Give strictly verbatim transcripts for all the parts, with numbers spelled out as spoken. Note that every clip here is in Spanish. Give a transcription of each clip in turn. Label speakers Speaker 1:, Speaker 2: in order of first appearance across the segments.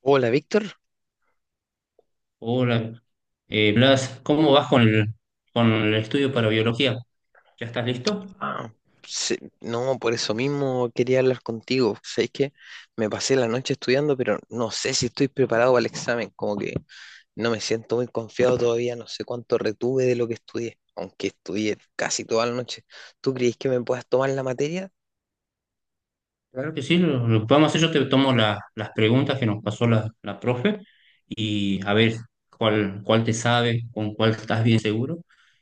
Speaker 1: Hola, Víctor.
Speaker 2: Hola, eh, Blas, ¿cómo vas con el, con el estudio para biología? ¿Ya estás listo?
Speaker 1: Ah, sí, no, por eso mismo quería hablar contigo. Sabes que me pasé la noche estudiando, pero no sé si estoy preparado para el examen. Como que no me siento muy confiado todavía. No sé cuánto retuve de lo que estudié, aunque estudié casi toda la noche. ¿Tú crees que me puedas tomar la materia?
Speaker 2: Claro que sí, lo, lo que vamos a hacer, yo te tomo la- las preguntas que nos pasó la, la profe y a ver cuál, cuál te sabe, con cuál estás bien seguro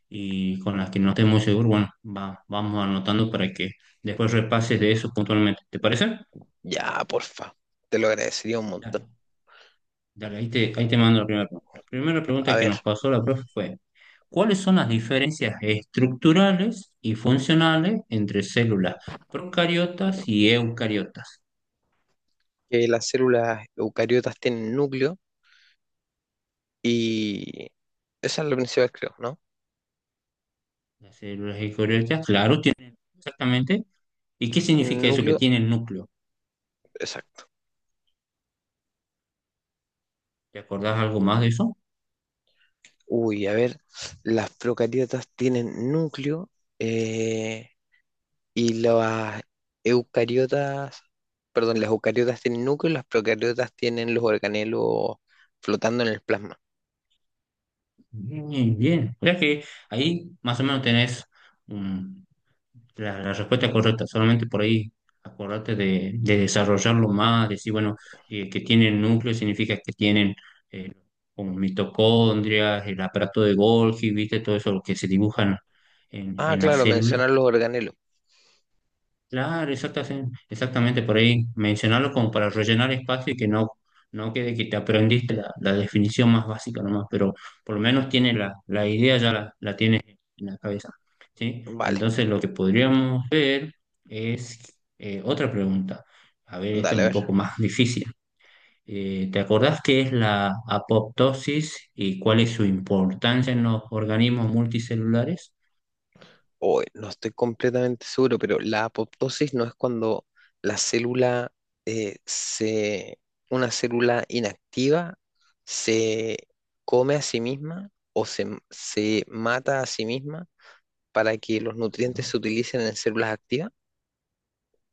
Speaker 2: y con las que no estés muy seguro, bueno, va- vamos anotando para que después repases de eso puntualmente. ¿Te parece?
Speaker 1: Ya, porfa. Te lo agradecería un
Speaker 2: Dale,
Speaker 1: montón.
Speaker 2: dale, ahí te, ahí te mando la primera pregunta. La primera pregunta
Speaker 1: A
Speaker 2: que nos
Speaker 1: ver,
Speaker 2: pasó la profe fue cuáles son las diferencias estructurales y funcionales entre células procariotas y eucariotas.
Speaker 1: que las células eucariotas tienen núcleo y esa es la principal, creo, ¿no?
Speaker 2: Las células eucariotas, claro, tienen exactamente. ¿Y qué significa eso que
Speaker 1: Núcleo.
Speaker 2: tiene el núcleo?
Speaker 1: Exacto.
Speaker 2: ¿Te acordás algo más de eso?
Speaker 1: Uy, a ver, las procariotas tienen núcleo eh, y las eucariotas, perdón, las eucariotas tienen núcleo y las procariotas tienen los organelos flotando en el plasma.
Speaker 2: Bien, bien. O sea que ahí más o menos tenés. La, la respuesta es correcta, solamente por ahí acordate de, de desarrollarlo más, decir, bueno, eh, que tienen núcleo significa que tienen, eh, como mitocondrias, el aparato de Golgi, viste, todo eso lo que se dibujan en,
Speaker 1: Ah,
Speaker 2: en la
Speaker 1: claro,
Speaker 2: célula.
Speaker 1: mencionar los organelos.
Speaker 2: Claro, exactamente, exactamente por ahí mencionarlo como para rellenar espacio y que no, no quede que te aprendiste la, la definición más básica nomás, pero por lo menos tiene la, la idea, ya la, la tienes en la cabeza, ¿sí?
Speaker 1: Vale,
Speaker 2: Entonces lo que podríamos ver es, eh, otra pregunta. A ver, esta es
Speaker 1: dale, a
Speaker 2: un
Speaker 1: ver.
Speaker 2: poco más difícil. Eh, ¿te acordás qué es la apoptosis y cuál es su importancia en los organismos multicelulares?
Speaker 1: O no estoy completamente seguro, pero la apoptosis no es cuando la célula eh, se, una célula inactiva se come a sí misma o se, m- se mata a sí misma para que los nutrientes se utilicen en células activas.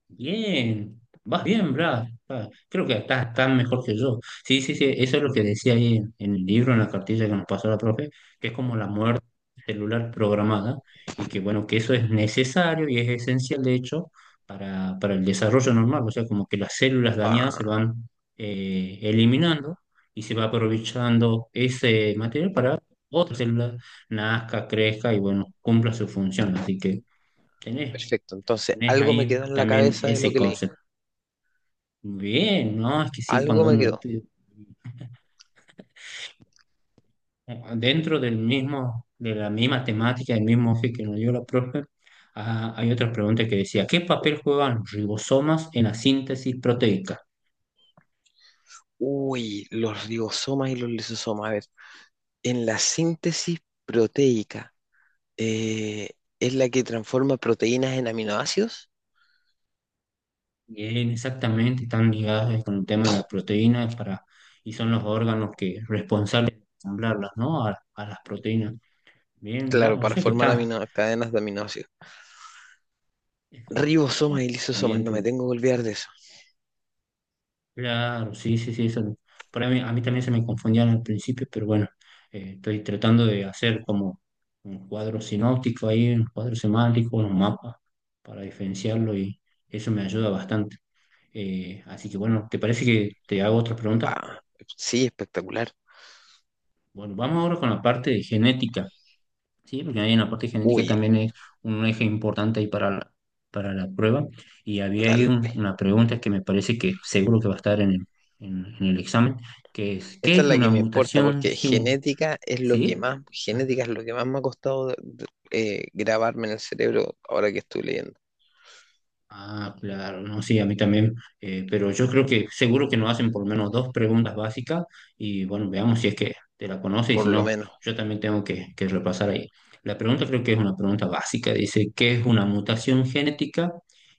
Speaker 2: Bien, vas bien, Brad. Ah, creo que estás tan mejor que yo. Sí, sí, sí, eso es lo que decía ahí en, en el libro, en la cartilla que nos pasó la profe, que es como la muerte celular programada y que, bueno, que eso es necesario y es esencial, de hecho, para, para el desarrollo normal. O sea, como que las células dañadas se
Speaker 1: Ah,
Speaker 2: van, eh, eliminando y se va aprovechando ese material para otra célula nazca, crezca y, bueno, cumpla su función. Así que tenés.
Speaker 1: perfecto. Entonces,
Speaker 2: Tenés
Speaker 1: algo me
Speaker 2: ahí
Speaker 1: quedó en la
Speaker 2: también
Speaker 1: cabeza de lo
Speaker 2: ese
Speaker 1: que leí.
Speaker 2: concepto. Bien, ¿no? Es que sí,
Speaker 1: Algo
Speaker 2: cuando
Speaker 1: me
Speaker 2: uno
Speaker 1: quedó.
Speaker 2: estudia dentro del mismo, de la misma temática, del mismo eje que nos dio la profe, ah, hay otras preguntas que decía, ¿qué papel juegan los ribosomas en la síntesis proteica?
Speaker 1: Uy, los ribosomas y los lisosomas. A ver, en la síntesis proteica. eh, es la que transforma proteínas en aminoácidos.
Speaker 2: Bien, exactamente, están ligados con el tema de las proteínas para, y son los órganos que responsables de ensamblarlas, ¿no? A, a las proteínas. Bien,
Speaker 1: Claro,
Speaker 2: bla, o
Speaker 1: para
Speaker 2: sea que
Speaker 1: formar
Speaker 2: está
Speaker 1: amino- cadenas de aminoácidos. Ribosomas y lisosomas,
Speaker 2: bien.
Speaker 1: no me tengo que olvidar de eso.
Speaker 2: Claro, sí, sí, sí, eso. Por ahí a mí también se me confundían al principio, pero bueno, eh, estoy tratando de hacer como un cuadro sinóptico ahí, un cuadro semántico, un mapa para diferenciarlo y eso me ayuda bastante. Eh, así que bueno, ¿te parece que te hago otra
Speaker 1: Va,
Speaker 2: pregunta?
Speaker 1: sí, espectacular.
Speaker 2: Bueno, vamos ahora con la parte de genética. Sí, porque ahí en la parte genética
Speaker 1: Uy,
Speaker 2: también es un eje importante ahí para la, para la prueba. Y había ahí
Speaker 1: dale.
Speaker 2: un- una pregunta que me parece que seguro que va a estar en el, en, en el examen, que es, ¿qué
Speaker 1: Esta es
Speaker 2: es
Speaker 1: la que
Speaker 2: una
Speaker 1: me importa
Speaker 2: mutación
Speaker 1: porque
Speaker 2: genética?
Speaker 1: genética es lo que
Speaker 2: ¿Sí?
Speaker 1: más,
Speaker 2: Ah,
Speaker 1: genética es lo que más me ha costado de- de- eh, grabarme en el cerebro ahora que estoy leyendo,
Speaker 2: ah, claro, no, sí, a mí también, eh, pero yo creo que seguro que nos hacen por lo menos dos preguntas básicas y bueno, veamos si es que te la conoce y
Speaker 1: por
Speaker 2: si
Speaker 1: lo
Speaker 2: no,
Speaker 1: menos.
Speaker 2: yo también tengo que, que repasar ahí. La pregunta creo que es una pregunta básica, dice, ¿qué es una mutación genética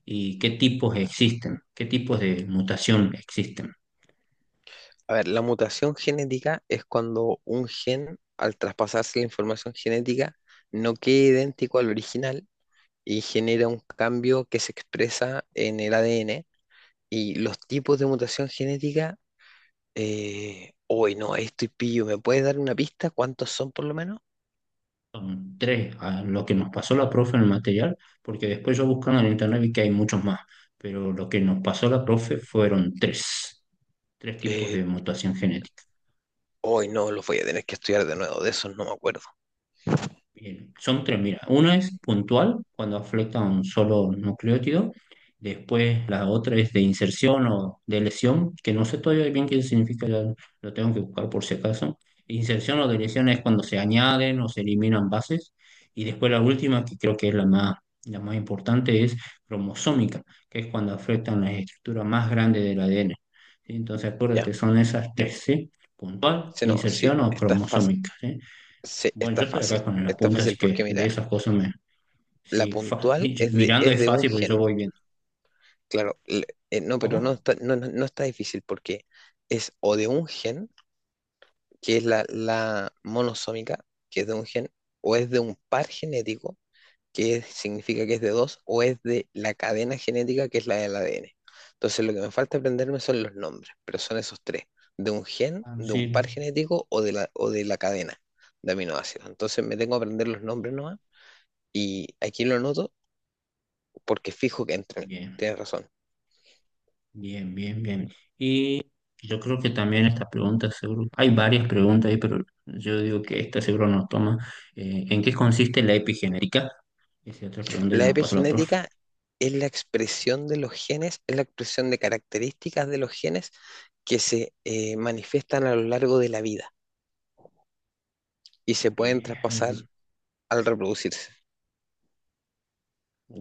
Speaker 2: y qué tipos existen? ¿Qué tipos de mutación existen?
Speaker 1: A ver, la mutación genética es cuando un gen, al traspasarse la información genética, no queda idéntico al original y genera un cambio que se expresa en el A D N. Y los tipos de mutación genética, eh, hoy no, ahí estoy pillo, ¿me puedes dar una pista? ¿Cuántos son por lo menos?
Speaker 2: Son tres, a lo que nos pasó la profe en el material, porque después yo buscando en internet vi que hay muchos más, pero lo que nos pasó la profe fueron tres, tres tipos
Speaker 1: Eh,
Speaker 2: de mutación genética.
Speaker 1: Hoy no, los voy a tener que estudiar de nuevo, de esos no me acuerdo.
Speaker 2: Bien, son tres, mira. Una es puntual, cuando afecta a un solo nucleótido. Después la otra es de inserción o de lesión, que no sé todavía bien qué significa, ya lo tengo que buscar por si acaso. Inserción o de lesión es cuando se añaden o se eliminan bases. Y después la última, que creo que es la más, la más importante, es cromosómica, que es cuando afectan las estructuras más grandes del A D N. ¿Sí? Entonces
Speaker 1: Ya,
Speaker 2: acuérdate, son esas tres, ¿sí? Puntual,
Speaker 1: sí, no, sí,
Speaker 2: inserción o
Speaker 1: está fácil,
Speaker 2: cromosómica, ¿sí?
Speaker 1: sí,
Speaker 2: Bueno,
Speaker 1: está
Speaker 2: yo estoy
Speaker 1: fácil,
Speaker 2: acá con el
Speaker 1: está
Speaker 2: apunte, así
Speaker 1: fácil
Speaker 2: que
Speaker 1: porque
Speaker 2: de
Speaker 1: mira,
Speaker 2: esas cosas me...
Speaker 1: la
Speaker 2: Sí, fa-
Speaker 1: puntual es de,
Speaker 2: mirando
Speaker 1: es
Speaker 2: es
Speaker 1: de un
Speaker 2: fácil porque yo
Speaker 1: gen,
Speaker 2: voy viendo.
Speaker 1: claro, l- eh, no, pero no
Speaker 2: ¿Cómo?
Speaker 1: está, no, no no está difícil porque es o de un gen, que es la, la monosómica, que es de un gen, o es de un par genético, que es- significa que es de dos, o es de la cadena genética, que es la del A D N. Entonces, lo que me falta aprenderme son los nombres, pero son esos tres, de un gen,
Speaker 2: Ah,
Speaker 1: de un
Speaker 2: sí.
Speaker 1: par genético o de la, o de la cadena de aminoácidos. Entonces, me tengo que aprender los nombres nomás, y aquí lo anoto porque fijo que entran.
Speaker 2: Bien,
Speaker 1: Tienes razón.
Speaker 2: bien, bien, bien. Y yo creo que también esta pregunta, seguro, hay varias preguntas ahí, pero yo digo que esta seguro nos toma. Eh, ¿en qué consiste la epigenética? Esa es otra pregunta que
Speaker 1: La
Speaker 2: nos pasó la profe.
Speaker 1: epigenética es la expresión de los genes, es la expresión de características de los genes que se eh, manifiestan a lo largo de la vida y se pueden traspasar
Speaker 2: Bien.
Speaker 1: al reproducirse.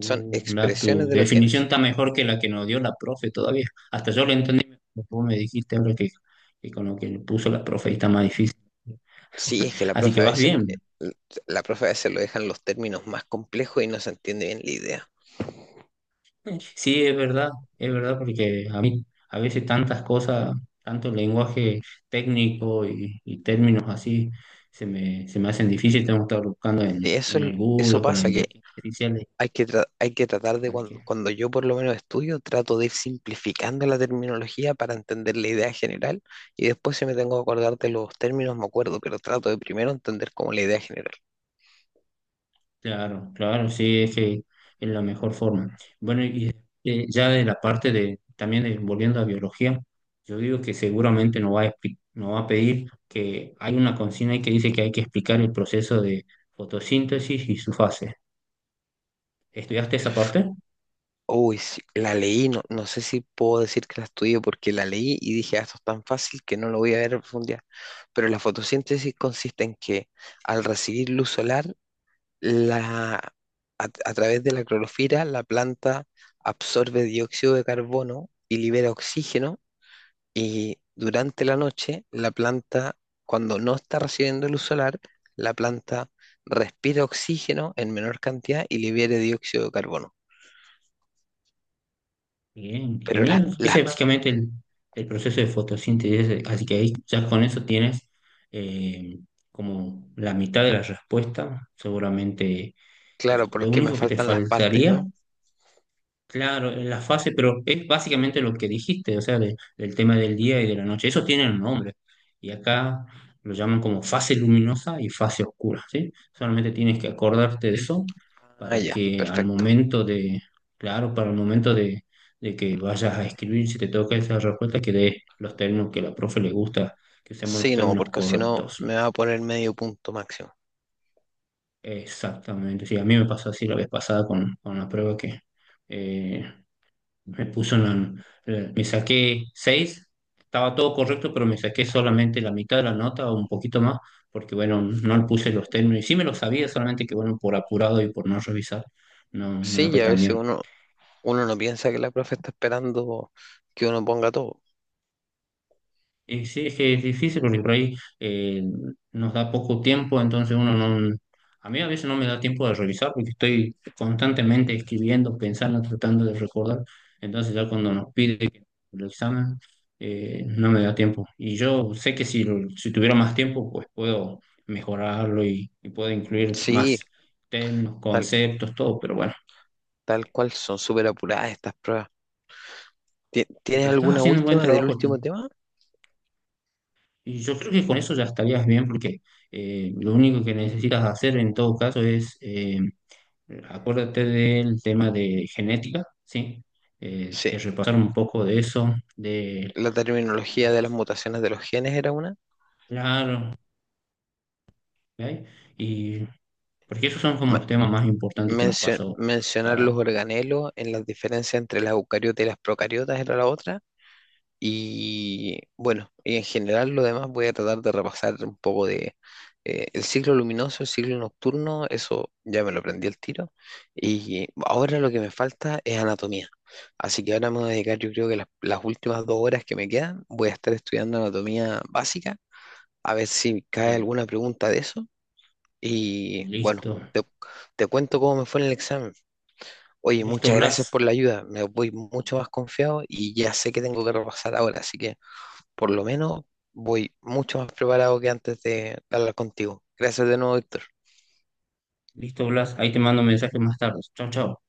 Speaker 1: Son
Speaker 2: la,
Speaker 1: expresiones
Speaker 2: tu
Speaker 1: de los
Speaker 2: definición
Speaker 1: genes.
Speaker 2: está mejor que la que nos dio la profe todavía. Hasta yo lo entendí, mejor, vos me dijiste ahora que, que con lo que le puso la profe ahí está más difícil.
Speaker 1: Sí, es que la
Speaker 2: Así que
Speaker 1: profe a
Speaker 2: vas
Speaker 1: veces, eh,
Speaker 2: bien.
Speaker 1: la profe a veces lo dejan los términos más complejos y no se entiende bien la idea.
Speaker 2: Sí, es verdad, es verdad, porque a mí a veces tantas cosas, tanto lenguaje técnico y, y términos así, se me, se me hacen difíciles. Tengo que estar buscando en,
Speaker 1: Y eso,
Speaker 2: en el Google
Speaker 1: eso
Speaker 2: o con la
Speaker 1: pasa, que
Speaker 2: inteligencia artificial.
Speaker 1: hay que, tra- hay que tratar de,
Speaker 2: Así
Speaker 1: cuando,
Speaker 2: que
Speaker 1: cuando yo por lo menos estudio, trato de ir simplificando la terminología para entender la idea general y después si me tengo que acordar de los términos me acuerdo, pero trato de primero entender como la idea general.
Speaker 2: claro, claro, sí, es que es la mejor forma. Bueno, y eh, ya de la parte de, también de- volviendo a biología, yo digo que seguramente nos va a, expli- nos va a pedir que hay una consigna ahí que dice que hay que explicar el proceso de fotosíntesis y su fase. ¿Estudiaste esa parte?
Speaker 1: Uy, sí, la leí, no, no sé si puedo decir que la estudié porque la leí y dije, "Ah, esto es tan fácil que no lo voy a ver a profundidad". Pero la fotosíntesis consiste en que al recibir luz solar, la, a, a través de la clorofila, la planta absorbe dióxido de carbono y libera oxígeno y durante la noche, la planta, cuando no está recibiendo luz solar, la planta respira oxígeno en menor cantidad y libera dióxido de carbono,
Speaker 2: Bien,
Speaker 1: pero la-
Speaker 2: genial.
Speaker 1: las
Speaker 2: Ese es básicamente el, el proceso de fotosíntesis, así que ahí ya con eso tienes, eh, como la mitad de la respuesta, seguramente. O
Speaker 1: Claro,
Speaker 2: sea, lo
Speaker 1: porque me
Speaker 2: único que te
Speaker 1: faltan las partes,
Speaker 2: faltaría
Speaker 1: ¿no?
Speaker 2: claro, en la fase, pero es básicamente lo que dijiste, o sea, de- del tema del día y de la noche. Eso tiene un nombre. Y acá lo llaman como fase luminosa y fase oscura, ¿sí? Solamente tienes que acordarte de eso
Speaker 1: Ah,
Speaker 2: para
Speaker 1: ya,
Speaker 2: que al
Speaker 1: perfecto.
Speaker 2: momento de, claro, para el momento de, de que vayas a escribir, si te toca esa respuesta, que des los términos que a la profe le gusta, que seamos los
Speaker 1: Sí, no,
Speaker 2: términos
Speaker 1: porque si no
Speaker 2: correctos.
Speaker 1: me va a poner medio punto máximo.
Speaker 2: Exactamente, sí, a mí me pasó así la vez pasada con, con la prueba que... eh, Me puso en la- eh, me saqué seis, estaba todo correcto, pero me saqué solamente la mitad de la nota o un poquito más, porque bueno, no le puse los términos. Y sí me los sabía, solamente que bueno, por apurado y por no revisar, no, no me
Speaker 1: Sí,
Speaker 2: fue
Speaker 1: y a
Speaker 2: tan
Speaker 1: veces
Speaker 2: bien.
Speaker 1: uno, uno no piensa que la profe está esperando que uno ponga todo.
Speaker 2: Y sí, es que es difícil porque por ahí eh, nos da poco tiempo, entonces uno no... A mí a veces no me da tiempo de revisar porque estoy constantemente escribiendo, pensando, tratando de recordar. Entonces ya cuando nos pide que el examen, eh, no me da tiempo. Y yo sé que si, lo- si tuviera más tiempo, pues puedo mejorarlo y, y puedo incluir
Speaker 1: Sí,
Speaker 2: más términos,
Speaker 1: tal,
Speaker 2: conceptos, todo, pero bueno.
Speaker 1: tal cual, son súper apuradas estas pruebas. Ti- ¿Tienes
Speaker 2: Pero estás
Speaker 1: alguna
Speaker 2: haciendo un buen
Speaker 1: última del
Speaker 2: trabajo.
Speaker 1: último tema?
Speaker 2: Y yo creo que con eso ya estarías bien porque, eh, lo único que necesitas hacer en todo caso es, eh, acuérdate del tema de genética, ¿sí? Eh, de
Speaker 1: Sí,
Speaker 2: repasar un poco de eso, de
Speaker 1: la terminología de las
Speaker 2: las,
Speaker 1: mutaciones de los genes era una.
Speaker 2: claro, ¿ok? Y porque esos son como
Speaker 1: Ma-
Speaker 2: los temas más importantes que nos
Speaker 1: mencio-
Speaker 2: pasó
Speaker 1: Mencionar los
Speaker 2: para,
Speaker 1: organelos en las diferencias entre las eucariotas y las procariotas era la otra. Y bueno, y en general lo demás voy a tratar de repasar un poco de eh, el ciclo luminoso, el ciclo nocturno, eso ya me lo aprendí al tiro. Y ahora lo que me falta es anatomía. Así que ahora me voy a dedicar, yo creo que las, las últimas dos horas que me quedan, voy a estar estudiando anatomía básica, a ver si cae
Speaker 2: bien,
Speaker 1: alguna pregunta de eso. Y bueno,
Speaker 2: listo,
Speaker 1: te, te cuento cómo me fue en el examen. Oye,
Speaker 2: listo
Speaker 1: muchas gracias
Speaker 2: Blas,
Speaker 1: por la ayuda, me voy mucho más confiado y ya sé que tengo que repasar ahora, así que por lo menos voy mucho más preparado que antes de hablar contigo. Gracias de nuevo, Víctor.
Speaker 2: listo Blas, ahí te mando un mensaje más tarde, chao, chao.